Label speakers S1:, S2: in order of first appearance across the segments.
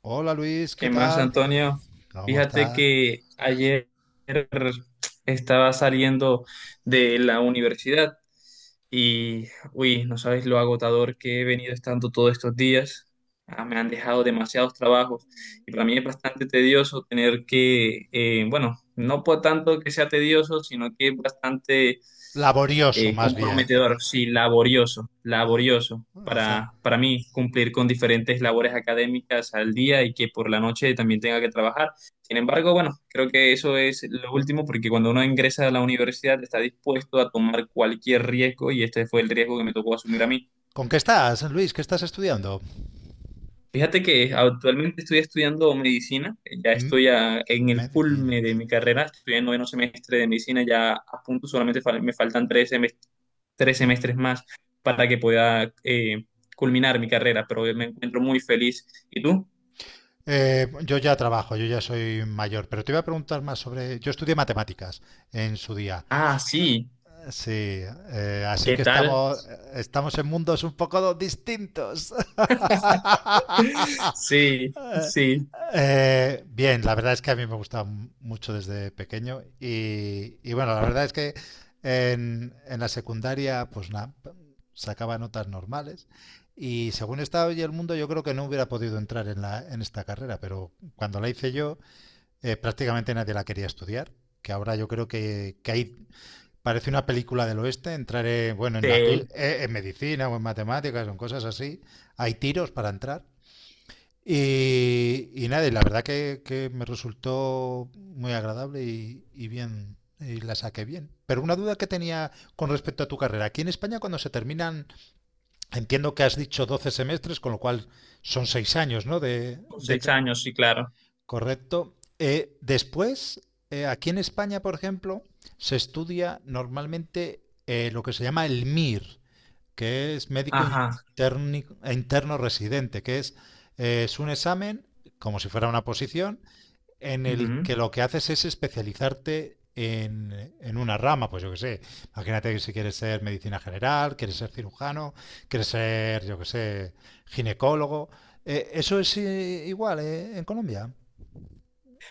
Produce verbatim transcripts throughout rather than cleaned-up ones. S1: Hola Luis, ¿qué
S2: ¿Qué más,
S1: tal?
S2: Antonio?
S1: ¿Cómo
S2: Fíjate
S1: estás?
S2: que ayer estaba saliendo de la universidad y, uy, no sabes lo agotador que he venido estando todos estos días. Ah, me han dejado demasiados trabajos y para mí es bastante tedioso tener que, eh, bueno, no por tanto que sea tedioso, sino que es bastante
S1: Laborioso,
S2: eh,
S1: más bien.
S2: comprometedor, sí, laborioso, laborioso
S1: Está-
S2: para, para mí cumplir con diferentes labores académicas al día y que por la noche también tenga que trabajar. Sin embargo, bueno, creo que eso es lo último porque cuando uno ingresa a la universidad está dispuesto a tomar cualquier riesgo y este fue el riesgo que me tocó asumir a mí.
S1: ¿Con qué estás, Luis? ¿Qué estás estudiando?
S2: Fíjate que actualmente estoy estudiando medicina. Eh, ya
S1: Mm.
S2: estoy a- en el
S1: Medicina.
S2: culme de mi carrera, estoy en noveno semestre de medicina, ya a punto, solamente fal- me faltan tres semestres, tres semestres más para que pueda eh, culminar mi carrera, pero me encuentro muy feliz. ¿Y tú?
S1: Eh, yo ya trabajo, yo ya soy mayor, pero te iba a preguntar más sobre... Yo estudié matemáticas en su día.
S2: Ah, sí,
S1: Sí, eh, así
S2: ¿qué
S1: que
S2: tal?
S1: estamos, estamos en mundos un poco distintos.
S2: Sí,
S1: Eh,
S2: sí,
S1: eh, Bien, la verdad es que a mí me gusta m- mucho desde pequeño, y, y bueno, la verdad es que en, en la secundaria pues nada, sacaba notas normales, y según está hoy el mundo yo creo que no hubiera podido entrar en la, en esta carrera, pero cuando la hice yo eh, prácticamente nadie la quería estudiar, que ahora yo creo que, que hay. Parece una película del oeste, entraré, bueno, en, la, tu-
S2: sí,
S1: eh, en medicina o en matemáticas o en cosas así. Hay tiros para entrar. Y, y nada, y la verdad que, que me resultó muy agradable y, y bien, y la saqué bien. Pero una duda que tenía con respecto a tu carrera. Aquí en España cuando se terminan, entiendo que has dicho doce semestres, con lo cual son seis años, ¿no? De,
S2: con
S1: de.
S2: seis años, sí, claro.
S1: Correcto. Eh, después, eh, aquí en España, por ejemplo, se estudia normalmente eh, lo que se llama el M I R, que es médico
S2: Ajá.
S1: interni- interno residente, que es, eh, es un examen, como si fuera una posición, en el
S2: Ujú.
S1: que lo que haces es especializarte en, en una rama, pues yo que sé, imagínate que si quieres ser medicina general, quieres ser cirujano, quieres ser, yo que sé, ginecólogo. Eh, ¿eso es eh, igual eh, en Colombia?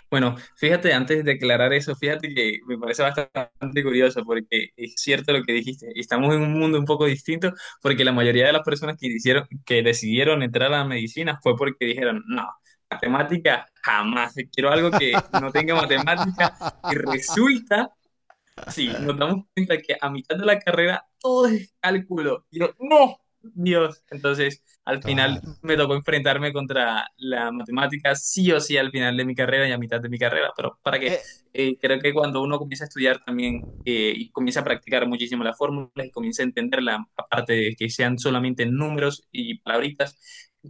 S2: Bueno, fíjate, antes de declarar eso, fíjate que me parece bastante curioso porque es cierto lo que dijiste. Estamos en un mundo un poco distinto porque la mayoría de las personas que hicieron, que decidieron entrar a la medicina fue porque dijeron, no, matemática jamás, quiero algo que no tenga matemática y resulta. Sí, nos damos cuenta que a mitad de la carrera todo es cálculo. Y yo, no, Dios. Entonces, al final
S1: Claro.
S2: me tocó enfrentarme contra la matemática, sí o sí, al final de mi carrera y a mitad de mi carrera. Pero para que
S1: Eh,
S2: eh, creo que cuando uno comienza a estudiar también eh, y comienza a practicar muchísimo las fórmulas y comienza a entenderla, aparte de que sean solamente números y palabritas,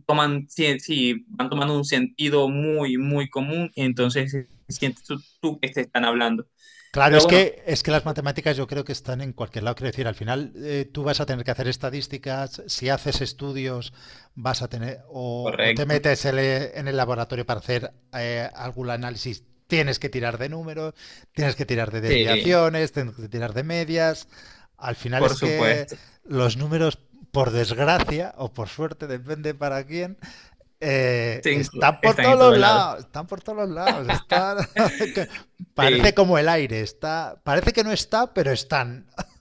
S2: toman, sí, sí, van tomando un sentido muy, muy común. Entonces, sientes tú, tú que te están hablando.
S1: claro,
S2: Pero
S1: es
S2: bueno.
S1: que, es que las matemáticas yo creo que están en cualquier lado. Quiero decir, al final eh, tú vas a tener que hacer estadísticas, si haces estudios, vas a tener, o, o te
S2: Correcto.
S1: metes en el- en el laboratorio para hacer eh, algún análisis, tienes que tirar de números, tienes que tirar de
S2: Sí,
S1: desviaciones, tienes que tirar de medias. Al final
S2: por
S1: es que
S2: supuesto.
S1: los números, por desgracia o por suerte, depende para quién. Eh,
S2: Se encu-
S1: están por
S2: están
S1: todos
S2: en
S1: los
S2: todos lados.
S1: lados, están por todos los lados, están... que parece
S2: Sí,
S1: como el aire, está... Parece que no está, pero están.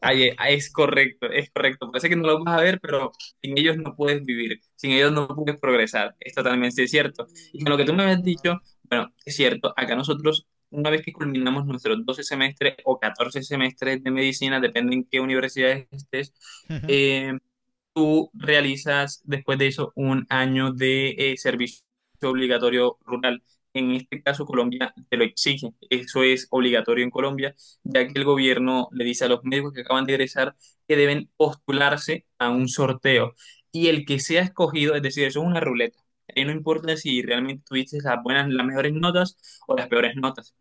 S2: ahí- e- ahí es correcto, es correcto. Parece que no lo vas a ver, pero sin ellos no puedes vivir, sin ellos no puedes progresar. Es totalmente cierto. Y con lo que tú me habías dicho, es cierto, acá nosotros, una vez que culminamos nuestros doce semestres o catorce semestres de medicina, depende en qué universidad estés,
S1: Ujú,
S2: eh, tú realizas después de eso un año de eh, servicio obligatorio rural. En este caso, Colombia te lo exige. Eso es obligatorio en Colombia, ya que el gobierno le dice a los médicos que acaban de egresar que deben postularse a un sorteo. Y el que sea escogido, es decir, eso es una ruleta. Ahí no importa si realmente tuviste las buenas, las mejores notas o las peores notas.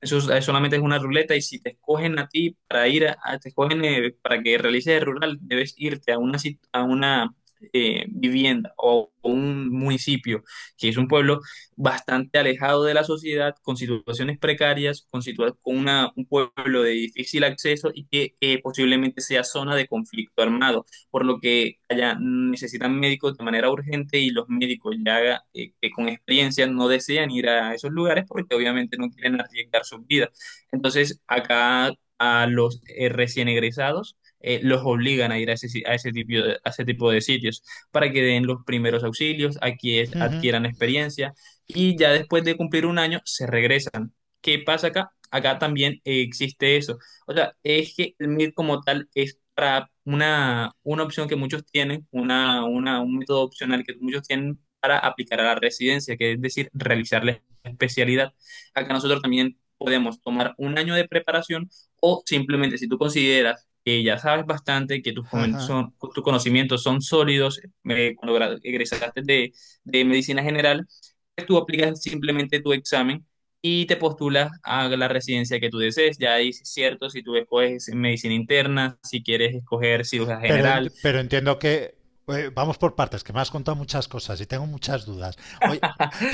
S2: Eso es- eh, solamente es una ruleta y si te escogen a ti para ir a, a- te escogen eh, para que realices el rural, debes irte a una sit- a una eh, vivienda o, o un municipio, que es un pueblo bastante alejado de la sociedad, con situaciones precarias, con situa- con una- un pueblo de difícil acceso y que eh, posiblemente sea zona de conflicto armado, por lo que allá necesitan médicos de manera urgente y los médicos ya eh, que con experiencia no desean ir a esos lugares porque obviamente no quieren arriesgar sus vidas. Entonces, acá a los eh, recién egresados eh, los obligan a ir a ese, si- a ese tipo de, a ese tipo de sitios para que den los primeros auxilios, aquí es-
S1: ujú,
S2: adquieran experiencia y ya después de cumplir un año se regresan. ¿Qué pasa acá? Acá también eh, existe eso. O sea, es que el M I R como tal es para una, una opción que muchos tienen, una, una, un método opcional que muchos tienen para aplicar a la residencia, que es decir, realizar la especialidad. Acá nosotros también podemos tomar un año de preparación o simplemente si tú consideras que ya sabes bastante, que tus, comen-
S1: ajá.
S2: son- tus conocimientos son sólidos, eh, cuando gra- egresaste de, de medicina general, pues tú aplicas simplemente tu examen y te postulas a la residencia que tú desees. Ya dices cierto, si tú escoges medicina interna, si quieres escoger cirugía
S1: Pero, en-
S2: general.
S1: pero entiendo que eh, vamos por partes, que me has contado muchas cosas y tengo muchas dudas. Oye,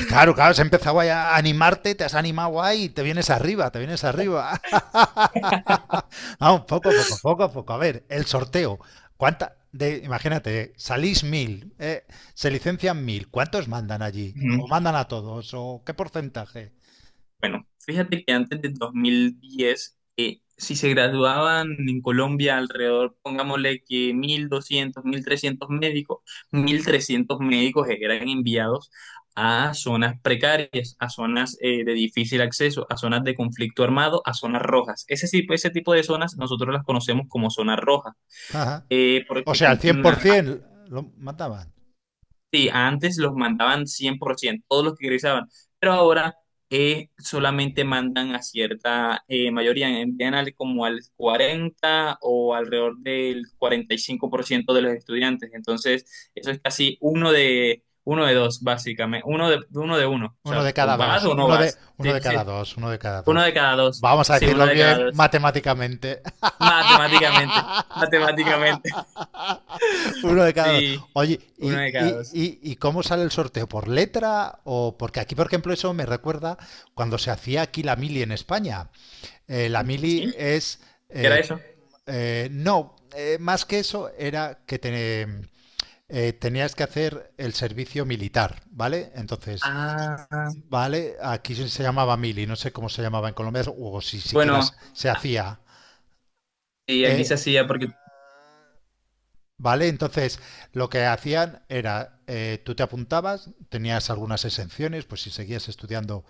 S1: claro, claro, has empezado ahí a animarte, te has animado ahí y te vienes arriba, te vienes arriba. Vamos, poco a poco, poco a poco. A ver, el sorteo. ¿Cuánta? De, imagínate, salís mil, eh, se licencian mil. ¿Cuántos mandan allí? ¿O
S2: Ujú.
S1: mandan a todos? ¿O qué porcentaje?
S2: Bueno, fíjate que antes del dos mil diez, eh, si se graduaban en Colombia alrededor, pongámosle que mil doscientos mil trescientos médicos, mil trescientos médicos eran enviados a zonas precarias, a zonas eh, de difícil acceso, a zonas de conflicto armado, a zonas rojas. Ese, tipo- ese tipo de zonas nosotros las conocemos como zonas rojas.
S1: Ajá.
S2: eh,
S1: O
S2: porque
S1: sea, el
S2: cum- ah,
S1: cien por ciento lo mandaban.
S2: sí, antes los mandaban cien por ciento, todos los que egresaban, pero ahora eh, solamente mandan a cierta eh, mayoría, envían al- como al cuarenta o alrededor del cuarenta y cinco por ciento de los estudiantes, entonces eso es casi uno de, uno de dos, básicamente, uno de uno, de uno. O sea,
S1: Uno de
S2: ¿o
S1: cada
S2: vas
S1: dos,
S2: o no
S1: uno de,
S2: vas?
S1: uno
S2: Sí,
S1: de cada
S2: sí,
S1: dos, uno de cada
S2: uno
S1: dos.
S2: de cada dos,
S1: Vamos a
S2: sí, uno
S1: decirlo
S2: de cada
S1: bien
S2: dos,
S1: matemáticamente.
S2: matemáticamente, matemáticamente.
S1: Uno de cada dos.
S2: Sí,
S1: Oye, ¿y,
S2: uno de cada
S1: y,
S2: dos.
S1: y, y cómo sale el sorteo? ¿Por letra? O porque aquí, por ejemplo, eso me recuerda cuando se hacía aquí la mili en España. Eh, la
S2: ¿Sí?
S1: mili es...
S2: ¿Qué era eso?
S1: eh, eh, no, eh, más que eso era que te- eh, tenías que hacer el servicio militar, ¿vale? Entonces,
S2: Ah.
S1: ¿vale? Aquí se llamaba mili, no sé cómo se llamaba en Colombia, o si siquiera
S2: Bueno,
S1: se hacía.
S2: sí, aquí
S1: eh,
S2: se hacía porque,
S1: ¿Vale? Entonces, lo que hacían era, eh, tú te apuntabas, tenías algunas exenciones, pues si seguías estudiando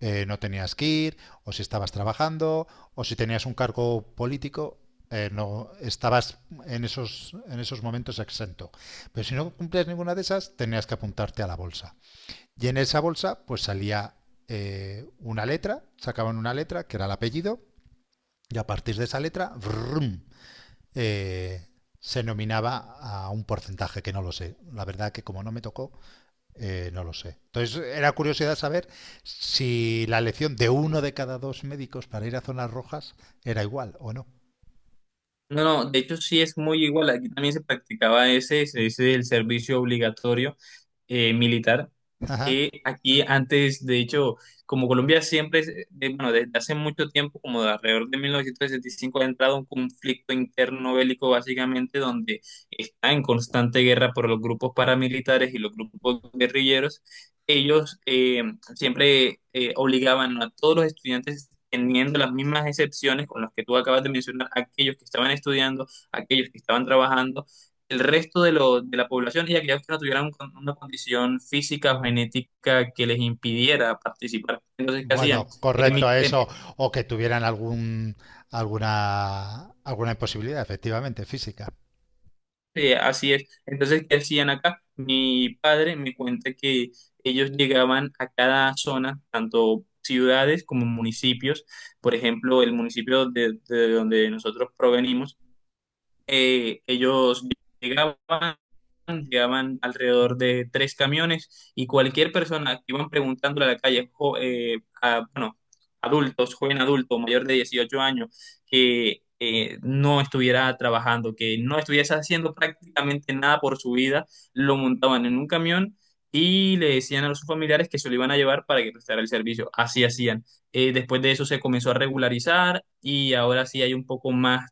S1: eh, no tenías que ir, o si estabas trabajando, o si tenías un cargo político. Eh, no estabas en esos, en esos momentos exento, pero si no cumplías ninguna de esas tenías que apuntarte a la bolsa. Y en esa bolsa pues salía eh, una letra, sacaban una letra que era el apellido, y a partir de esa letra brum, eh, se nominaba a un porcentaje que no lo sé. La verdad que como no me tocó, eh, no lo sé. Entonces era curiosidad saber si la elección de uno de cada dos médicos para ir a zonas rojas era igual o no.
S2: no, no, de hecho sí es muy igual, aquí también se practicaba ese, se dice el servicio obligatorio, eh, militar,
S1: Ajá.
S2: que aquí antes, de hecho, como Colombia siempre, es- eh, de- bueno, desde hace mucho tiempo, como de alrededor de mil novecientos sesenta y cinco ha entrado un conflicto interno bélico básicamente donde está en constante guerra por los grupos paramilitares y los grupos guerrilleros. Ellos eh, siempre eh, obligaban a todos los estudiantes, teniendo las mismas excepciones con las que tú acabas de mencionar, aquellos que estaban estudiando, aquellos que estaban trabajando el resto de, lo- de la población y aquellos que no tuvieran un una condición física o genética que les impidiera participar. Entonces, ¿qué hacían?
S1: Bueno,
S2: En mi-
S1: correcto a
S2: en-
S1: eso, o que tuvieran algún, alguna, alguna imposibilidad, efectivamente, física.
S2: eh, Así es. Entonces, ¿qué hacían acá? Mi padre me cuenta que ellos llegaban a cada zona, tanto ciudades como municipios. Por ejemplo, el municipio de, de donde nosotros provenimos, eh, ellos llegaban llegaban alrededor de tres camiones y cualquier persona que iban preguntándole a la calle, jo- eh, a- bueno, adultos, joven adulto, mayor de dieciocho años, que eh, no estuviera trabajando, que no estuviese haciendo prácticamente nada por su vida, lo montaban en un camión y le decían a sus familiares que se lo iban a llevar para que prestara el servicio. Así hacían. Eh, después de eso se comenzó a regularizar y ahora sí hay un poco más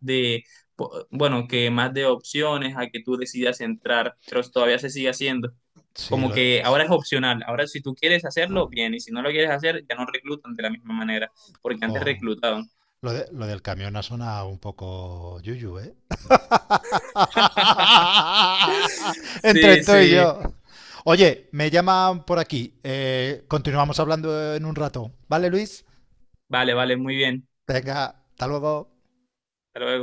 S2: po- bueno, que más de opciones a que tú decidas entrar, pero todavía se sigue haciendo.
S1: Sí,
S2: Como
S1: lo.
S2: que ahora es opcional, ahora si tú quieres hacerlo, bien, y si no lo quieres hacer, ya no reclutan de la misma manera, porque antes
S1: Jo,
S2: reclutaban.
S1: lo, de- lo del camión ha sonado un poco yuyu, ¿eh? Entre
S2: Sí,
S1: tú y
S2: sí,
S1: yo. Oye, me llaman por aquí. Eh, continuamos hablando en un rato. ¿Vale, Luis?
S2: vale, vale, muy bien.
S1: Venga, hasta luego.
S2: Hasta luego.